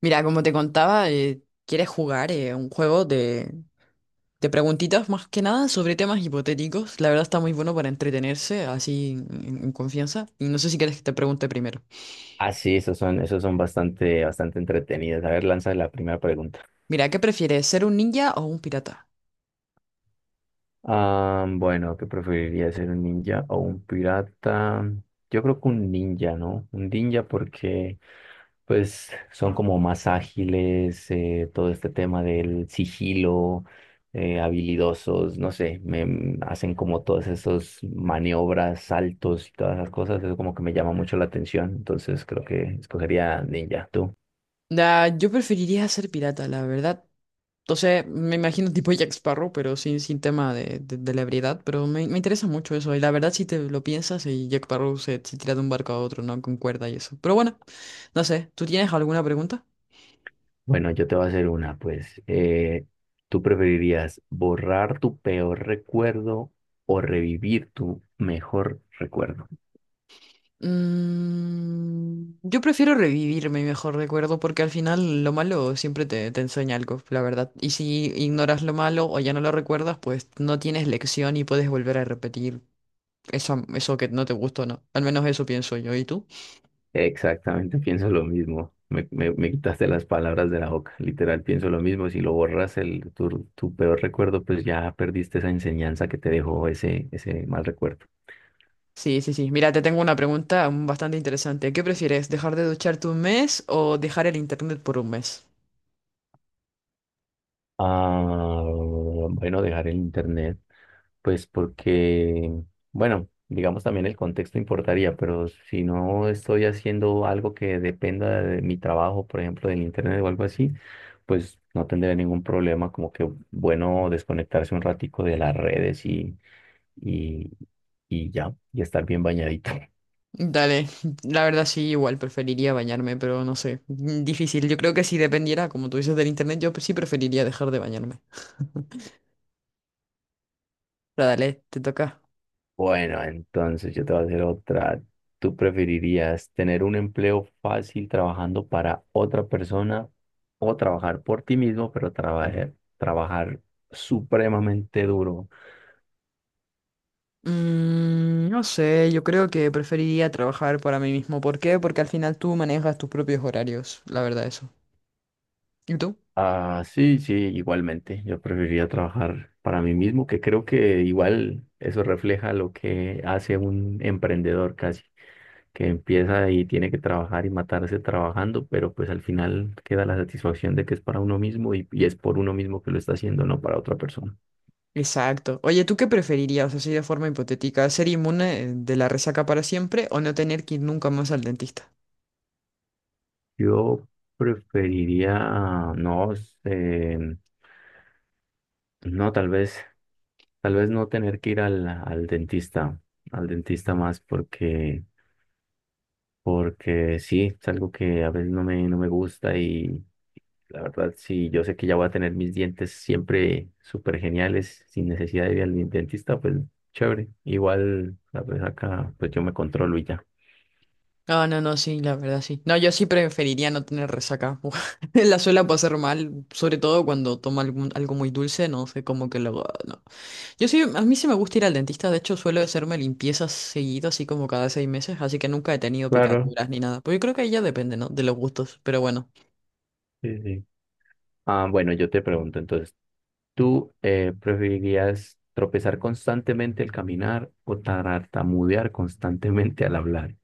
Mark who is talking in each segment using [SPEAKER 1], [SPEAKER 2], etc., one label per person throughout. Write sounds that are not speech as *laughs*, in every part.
[SPEAKER 1] Mira, como te contaba, quieres jugar un juego de, preguntitas más que nada sobre temas hipotéticos. La verdad está muy bueno para entretenerse así en, en confianza. Y no sé si quieres que te pregunte primero.
[SPEAKER 2] Ah, sí, esos son bastante entretenidos. A ver, lanza la primera pregunta.
[SPEAKER 1] Mira, ¿qué prefieres, ser un ninja o un pirata?
[SPEAKER 2] Ah, bueno, ¿qué preferiría ser un ninja o un pirata? Yo creo que un ninja, ¿no? Un ninja porque pues son como más ágiles, todo este tema del sigilo, habilidosos, no sé, hacen como todas esas maniobras, saltos y todas esas cosas, eso como que me llama mucho la atención, entonces creo que escogería ninja, ¿tú?
[SPEAKER 1] Nah, yo preferiría ser pirata, la verdad. Entonces, me imagino tipo Jack Sparrow, pero sin tema de ebriedad. Pero me interesa mucho eso. Y la verdad, si te lo piensas, y Jack Sparrow se tira de un barco a otro, ¿no? Con cuerda y eso. Pero bueno, no sé, ¿tú tienes alguna pregunta?
[SPEAKER 2] Bueno, yo te voy a hacer una, pues. ¿Tú preferirías borrar tu peor recuerdo o revivir tu mejor recuerdo?
[SPEAKER 1] Yo prefiero revivir mi mejor recuerdo porque al final lo malo siempre te enseña algo, la verdad. Y si ignoras lo malo o ya no lo recuerdas, pues no tienes lección y puedes volver a repetir eso que no te gustó, ¿no? Al menos eso pienso yo. ¿Y tú?
[SPEAKER 2] Exactamente, pienso lo mismo. Me quitaste las palabras de la boca. Literal, pienso lo mismo. Si lo borras tu peor recuerdo, pues ya perdiste esa enseñanza que te dejó ese mal recuerdo.
[SPEAKER 1] Sí, sí, sí. Mira, te tengo una pregunta bastante interesante. ¿Qué prefieres, dejar de ducharte un mes o dejar el internet por un mes?
[SPEAKER 2] Ah, bueno, dejar el internet. Pues porque, bueno, digamos también el contexto importaría, pero si no estoy haciendo algo que dependa de mi trabajo, por ejemplo, del internet o algo así, pues no tendría ningún problema, como que bueno desconectarse un ratico de las redes y, y ya, y estar bien bañadito.
[SPEAKER 1] Dale, la verdad sí, igual preferiría bañarme, pero no sé, difícil. Yo creo que si dependiera, como tú dices, del internet, yo sí preferiría dejar de bañarme. Pero dale, te toca.
[SPEAKER 2] Bueno, entonces yo te voy a hacer otra. ¿Tú preferirías tener un empleo fácil trabajando para otra persona o trabajar por ti mismo, pero trabajar supremamente duro?
[SPEAKER 1] No sé, yo creo que preferiría trabajar para mí mismo. ¿Por qué? Porque al final tú manejas tus propios horarios, la verdad eso. ¿Y tú?
[SPEAKER 2] Ah, sí, sí, igualmente. Yo preferiría trabajar para mí mismo, que creo que igual eso refleja lo que hace un emprendedor casi, que empieza y tiene que trabajar y matarse trabajando, pero pues al final queda la satisfacción de que es para uno mismo y es por uno mismo que lo está haciendo, no para otra persona.
[SPEAKER 1] Exacto. Oye, ¿tú qué preferirías, así de forma hipotética, ser inmune de la resaca para siempre o no tener que ir nunca más al dentista?
[SPEAKER 2] Yo preferiría, no sé, no, tal vez no tener que ir al dentista más porque... porque sí, es algo que a veces no me gusta y la verdad sí, yo sé que ya voy a tener mis dientes siempre súper geniales, sin necesidad de ir al dentista, pues chévere. Igual, la pues acá, pues yo me controlo y ya.
[SPEAKER 1] Ah, no, no, sí, la verdad sí. No, yo sí preferiría no tener resaca. *laughs* La suela puede pasar mal, sobre todo cuando toma algo muy dulce, no sé, como que luego, ah, no. Yo sí, a mí sí me gusta ir al dentista, de hecho suelo hacerme limpiezas seguido, así como cada 6 meses, así que nunca he tenido
[SPEAKER 2] Claro,
[SPEAKER 1] picaduras ni nada. Pues yo creo que ahí ya depende, ¿no? De los gustos, pero bueno.
[SPEAKER 2] sí, sí. Ah, bueno, yo te pregunto entonces, ¿tú preferirías tropezar constantemente al caminar o tartamudear constantemente al hablar?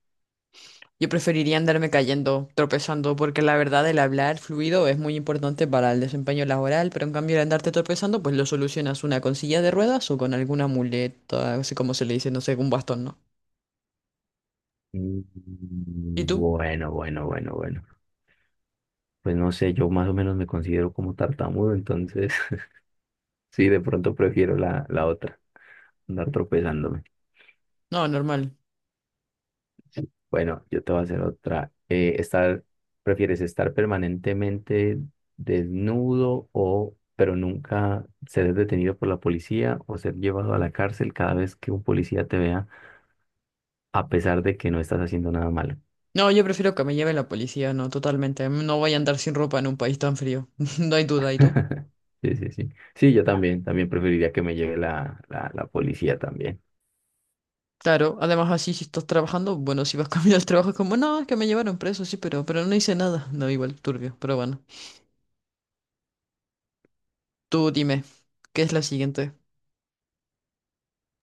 [SPEAKER 1] Yo preferiría andarme cayendo, tropezando, porque la verdad el hablar fluido es muy importante para el desempeño laboral, pero en cambio el andarte tropezando, pues lo solucionas una con silla de ruedas o con alguna muleta, así como se le dice, no sé, un bastón, ¿no?
[SPEAKER 2] Mm,
[SPEAKER 1] ¿Y tú?
[SPEAKER 2] Bueno, bueno. Pues no sé, yo más o menos me considero como tartamudo, entonces *laughs* sí, de pronto prefiero la otra, andar tropezándome.
[SPEAKER 1] No, normal.
[SPEAKER 2] Bueno, yo te voy a hacer otra. ¿Prefieres estar permanentemente desnudo o, pero nunca ser detenido por la policía o ser llevado a la cárcel cada vez que un policía te vea, a pesar de que no estás haciendo nada malo?
[SPEAKER 1] No, yo prefiero que me lleve la policía, no, totalmente. No voy a andar sin ropa en un país tan frío. *laughs* No hay duda, ¿y tú?
[SPEAKER 2] *laughs* Sí, sí, sí. Sí, yo también, también preferiría que me lleve la policía también.
[SPEAKER 1] Claro, además así si estás trabajando, bueno, si vas *laughs* camino al trabajo es como, no, es que me llevaron preso, sí, pero no hice nada. No, igual, turbio, pero bueno. Tú dime, ¿qué es la siguiente?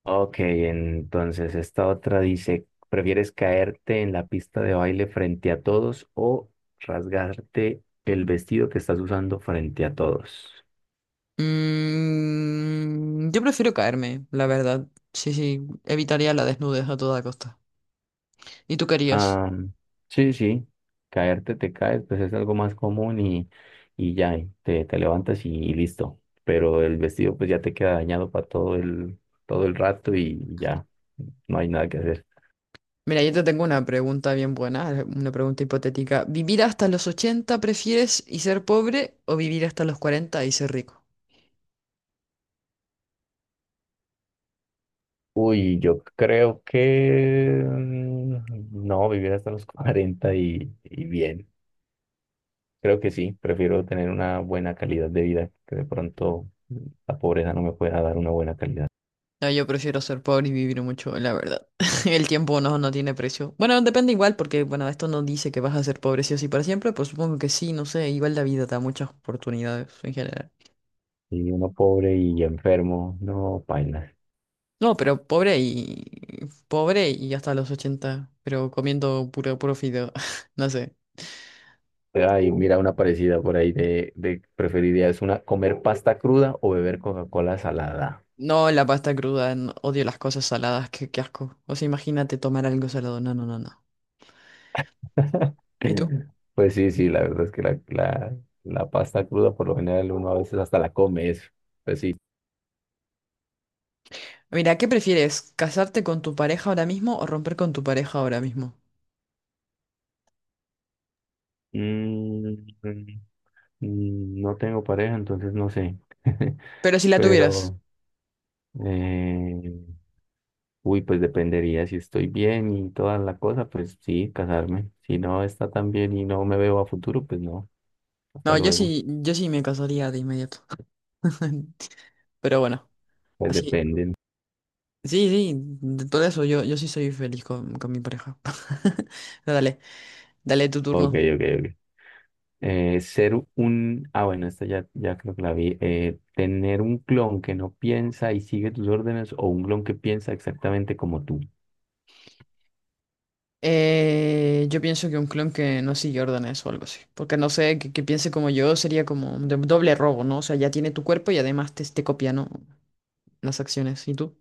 [SPEAKER 2] Ok, entonces esta otra dice, ¿prefieres caerte en la pista de baile frente a todos o rasgarte el vestido que estás usando frente a todos?
[SPEAKER 1] Yo prefiero caerme, la verdad. Sí, sí, evitaría la desnudez a toda costa. ¿Y tú querías?
[SPEAKER 2] Ah, sí, sí, caerte te caes, pues es algo más común y ya, te levantas y listo. Pero el vestido pues ya te queda dañado para todo el rato y ya, no hay nada que hacer.
[SPEAKER 1] Mira, yo te tengo una pregunta bien buena, una pregunta hipotética. ¿Vivir hasta los 80 prefieres y ser pobre o vivir hasta los 40 y ser rico?
[SPEAKER 2] Uy, yo creo que no, vivir hasta los *laughs* 40 y bien. Creo que sí, prefiero tener una buena calidad de vida, que de pronto la pobreza no me pueda dar una buena calidad.
[SPEAKER 1] No, yo prefiero ser pobre y vivir mucho, la verdad. *laughs* El tiempo no tiene precio. Bueno, depende igual, porque bueno, esto no dice que vas a ser pobre sí o sí para siempre, pues supongo que sí, no sé, igual la vida da muchas oportunidades en general.
[SPEAKER 2] Y uno pobre y enfermo, no, paila.
[SPEAKER 1] No, pero pobre y hasta los 80. Pero comiendo puro fideo. *laughs* No sé.
[SPEAKER 2] Ay, mira una parecida por ahí de preferiría es una comer pasta cruda o beber Coca-Cola salada.
[SPEAKER 1] No, la pasta cruda, odio las cosas saladas, qué asco. O sea, imagínate tomar algo salado. No, no, no, no.
[SPEAKER 2] *laughs*
[SPEAKER 1] ¿Y tú?
[SPEAKER 2] Pues sí, sí, la verdad es que la pasta cruda por lo general uno a veces hasta la come eso. Pues sí.
[SPEAKER 1] Mira, ¿qué prefieres? ¿Casarte con tu pareja ahora mismo o romper con tu pareja ahora mismo?
[SPEAKER 2] Mm, mm, no tengo pareja, entonces no sé. *laughs*
[SPEAKER 1] Pero si la tuvieras.
[SPEAKER 2] Pero, eh, uy, pues dependería si estoy bien y toda la cosa, pues sí, casarme. Si no está tan bien y no me veo a futuro, pues no. Hasta
[SPEAKER 1] No, yo
[SPEAKER 2] luego.
[SPEAKER 1] sí, yo sí me casaría de inmediato. *laughs* Pero bueno,
[SPEAKER 2] Pues
[SPEAKER 1] así.
[SPEAKER 2] dependen.
[SPEAKER 1] Sí, sí, de todo eso yo sí soy feliz con mi pareja. *laughs* Pero dale, dale tu
[SPEAKER 2] Ok,
[SPEAKER 1] turno.
[SPEAKER 2] ok, ok. Ah, bueno, esta ya, ya creo que la vi. Tener un clon que no piensa y sigue tus órdenes o un clon que piensa exactamente como tú.
[SPEAKER 1] Yo pienso que un clon que no sigue órdenes o algo así. Porque no sé, que piense como yo sería como un doble robo, ¿no? O sea, ya tiene tu cuerpo y además te copia, ¿no? Las acciones. ¿Y tú?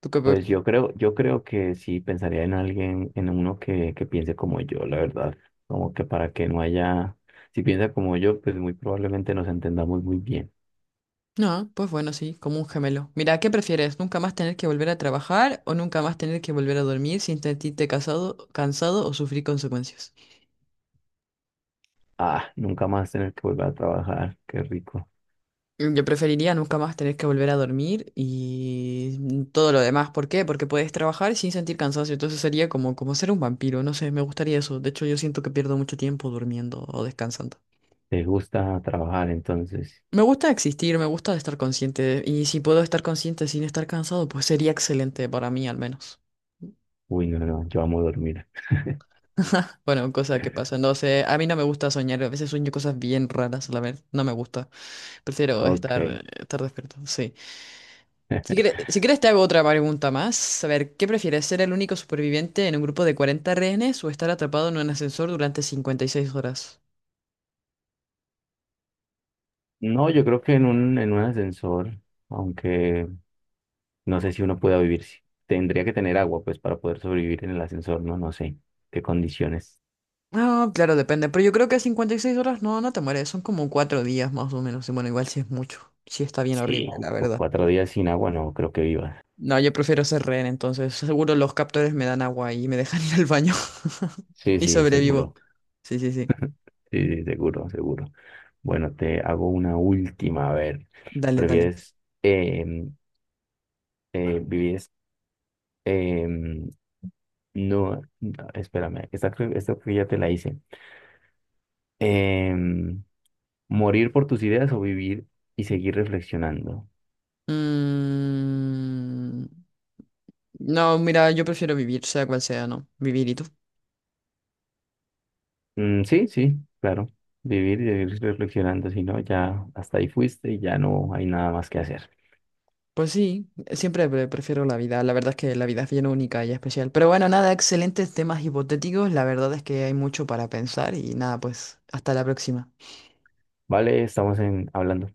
[SPEAKER 1] ¿Tú qué?
[SPEAKER 2] Pues yo creo que sí pensaría en alguien, en uno que piense como yo, la verdad. Como que para que no haya, si piensa como yo, pues muy probablemente nos entendamos muy bien.
[SPEAKER 1] No, pues bueno, sí, como un gemelo. Mira, ¿qué prefieres? ¿Nunca más tener que volver a trabajar o nunca más tener que volver a dormir sin sentirte cansado o sufrir consecuencias?
[SPEAKER 2] Ah, nunca más tener que volver a trabajar, qué rico.
[SPEAKER 1] Yo preferiría nunca más tener que volver a dormir y todo lo demás. ¿Por qué? Porque puedes trabajar sin sentir cansancio. Entonces sería como ser un vampiro. No sé, me gustaría eso. De hecho, yo siento que pierdo mucho tiempo durmiendo o descansando.
[SPEAKER 2] ¿Te gusta trabajar entonces?
[SPEAKER 1] Me gusta existir, me gusta estar consciente. Y si puedo estar consciente sin estar cansado, pues sería excelente para mí al menos.
[SPEAKER 2] Uy, no, no, yo amo dormir.
[SPEAKER 1] Bueno, cosa que pasa. No sé, a mí no me gusta soñar. A veces sueño cosas bien raras, la verdad. No me gusta. Prefiero
[SPEAKER 2] Ok.
[SPEAKER 1] estar despierto, sí. Si
[SPEAKER 2] *laughs*
[SPEAKER 1] quieres, si quieres te hago otra pregunta más. A ver, ¿qué prefieres, ser el único superviviente en un grupo de 40 rehenes o estar atrapado en un ascensor durante 56 horas?
[SPEAKER 2] No, yo creo que en en un ascensor, aunque no sé si uno pueda vivir, tendría que tener agua, pues para poder sobrevivir en el ascensor, no, no sé qué condiciones.
[SPEAKER 1] Ah, claro, depende, pero yo creo que 56 horas no te mueres, son como 4 días más o menos, y bueno, igual si es mucho, sí está bien
[SPEAKER 2] Sí,
[SPEAKER 1] horrible, la verdad.
[SPEAKER 2] cuatro días sin agua, no creo que vivas.
[SPEAKER 1] No, yo prefiero ser rehén, entonces seguro los captores me dan agua y me dejan ir al baño *laughs*
[SPEAKER 2] Sí,
[SPEAKER 1] y
[SPEAKER 2] sí,
[SPEAKER 1] sobrevivo.
[SPEAKER 2] seguro.
[SPEAKER 1] Sí, sí, sí.
[SPEAKER 2] Sí, sí, seguro, seguro. Bueno, te hago una última. A ver,
[SPEAKER 1] Dale, dale.
[SPEAKER 2] ¿prefieres em, eh, vivir? em, no, no, espérame, esta creo que ya te la hice. Em, ¿Morir por tus ideas o vivir y seguir reflexionando?
[SPEAKER 1] Mm, no, mira, yo prefiero vivir, sea cual sea, ¿no? Vivir y tú.
[SPEAKER 2] Mm, sí, sí, claro. Vivir y seguir reflexionando, si no, ya hasta ahí fuiste y ya no hay nada más que hacer.
[SPEAKER 1] Pues sí, siempre prefiero la vida. La verdad es que la vida es bien única y especial. Pero bueno, nada, excelentes temas hipotéticos. La verdad es que hay mucho para pensar y nada, pues hasta la próxima.
[SPEAKER 2] Vale, estamos en, hablando.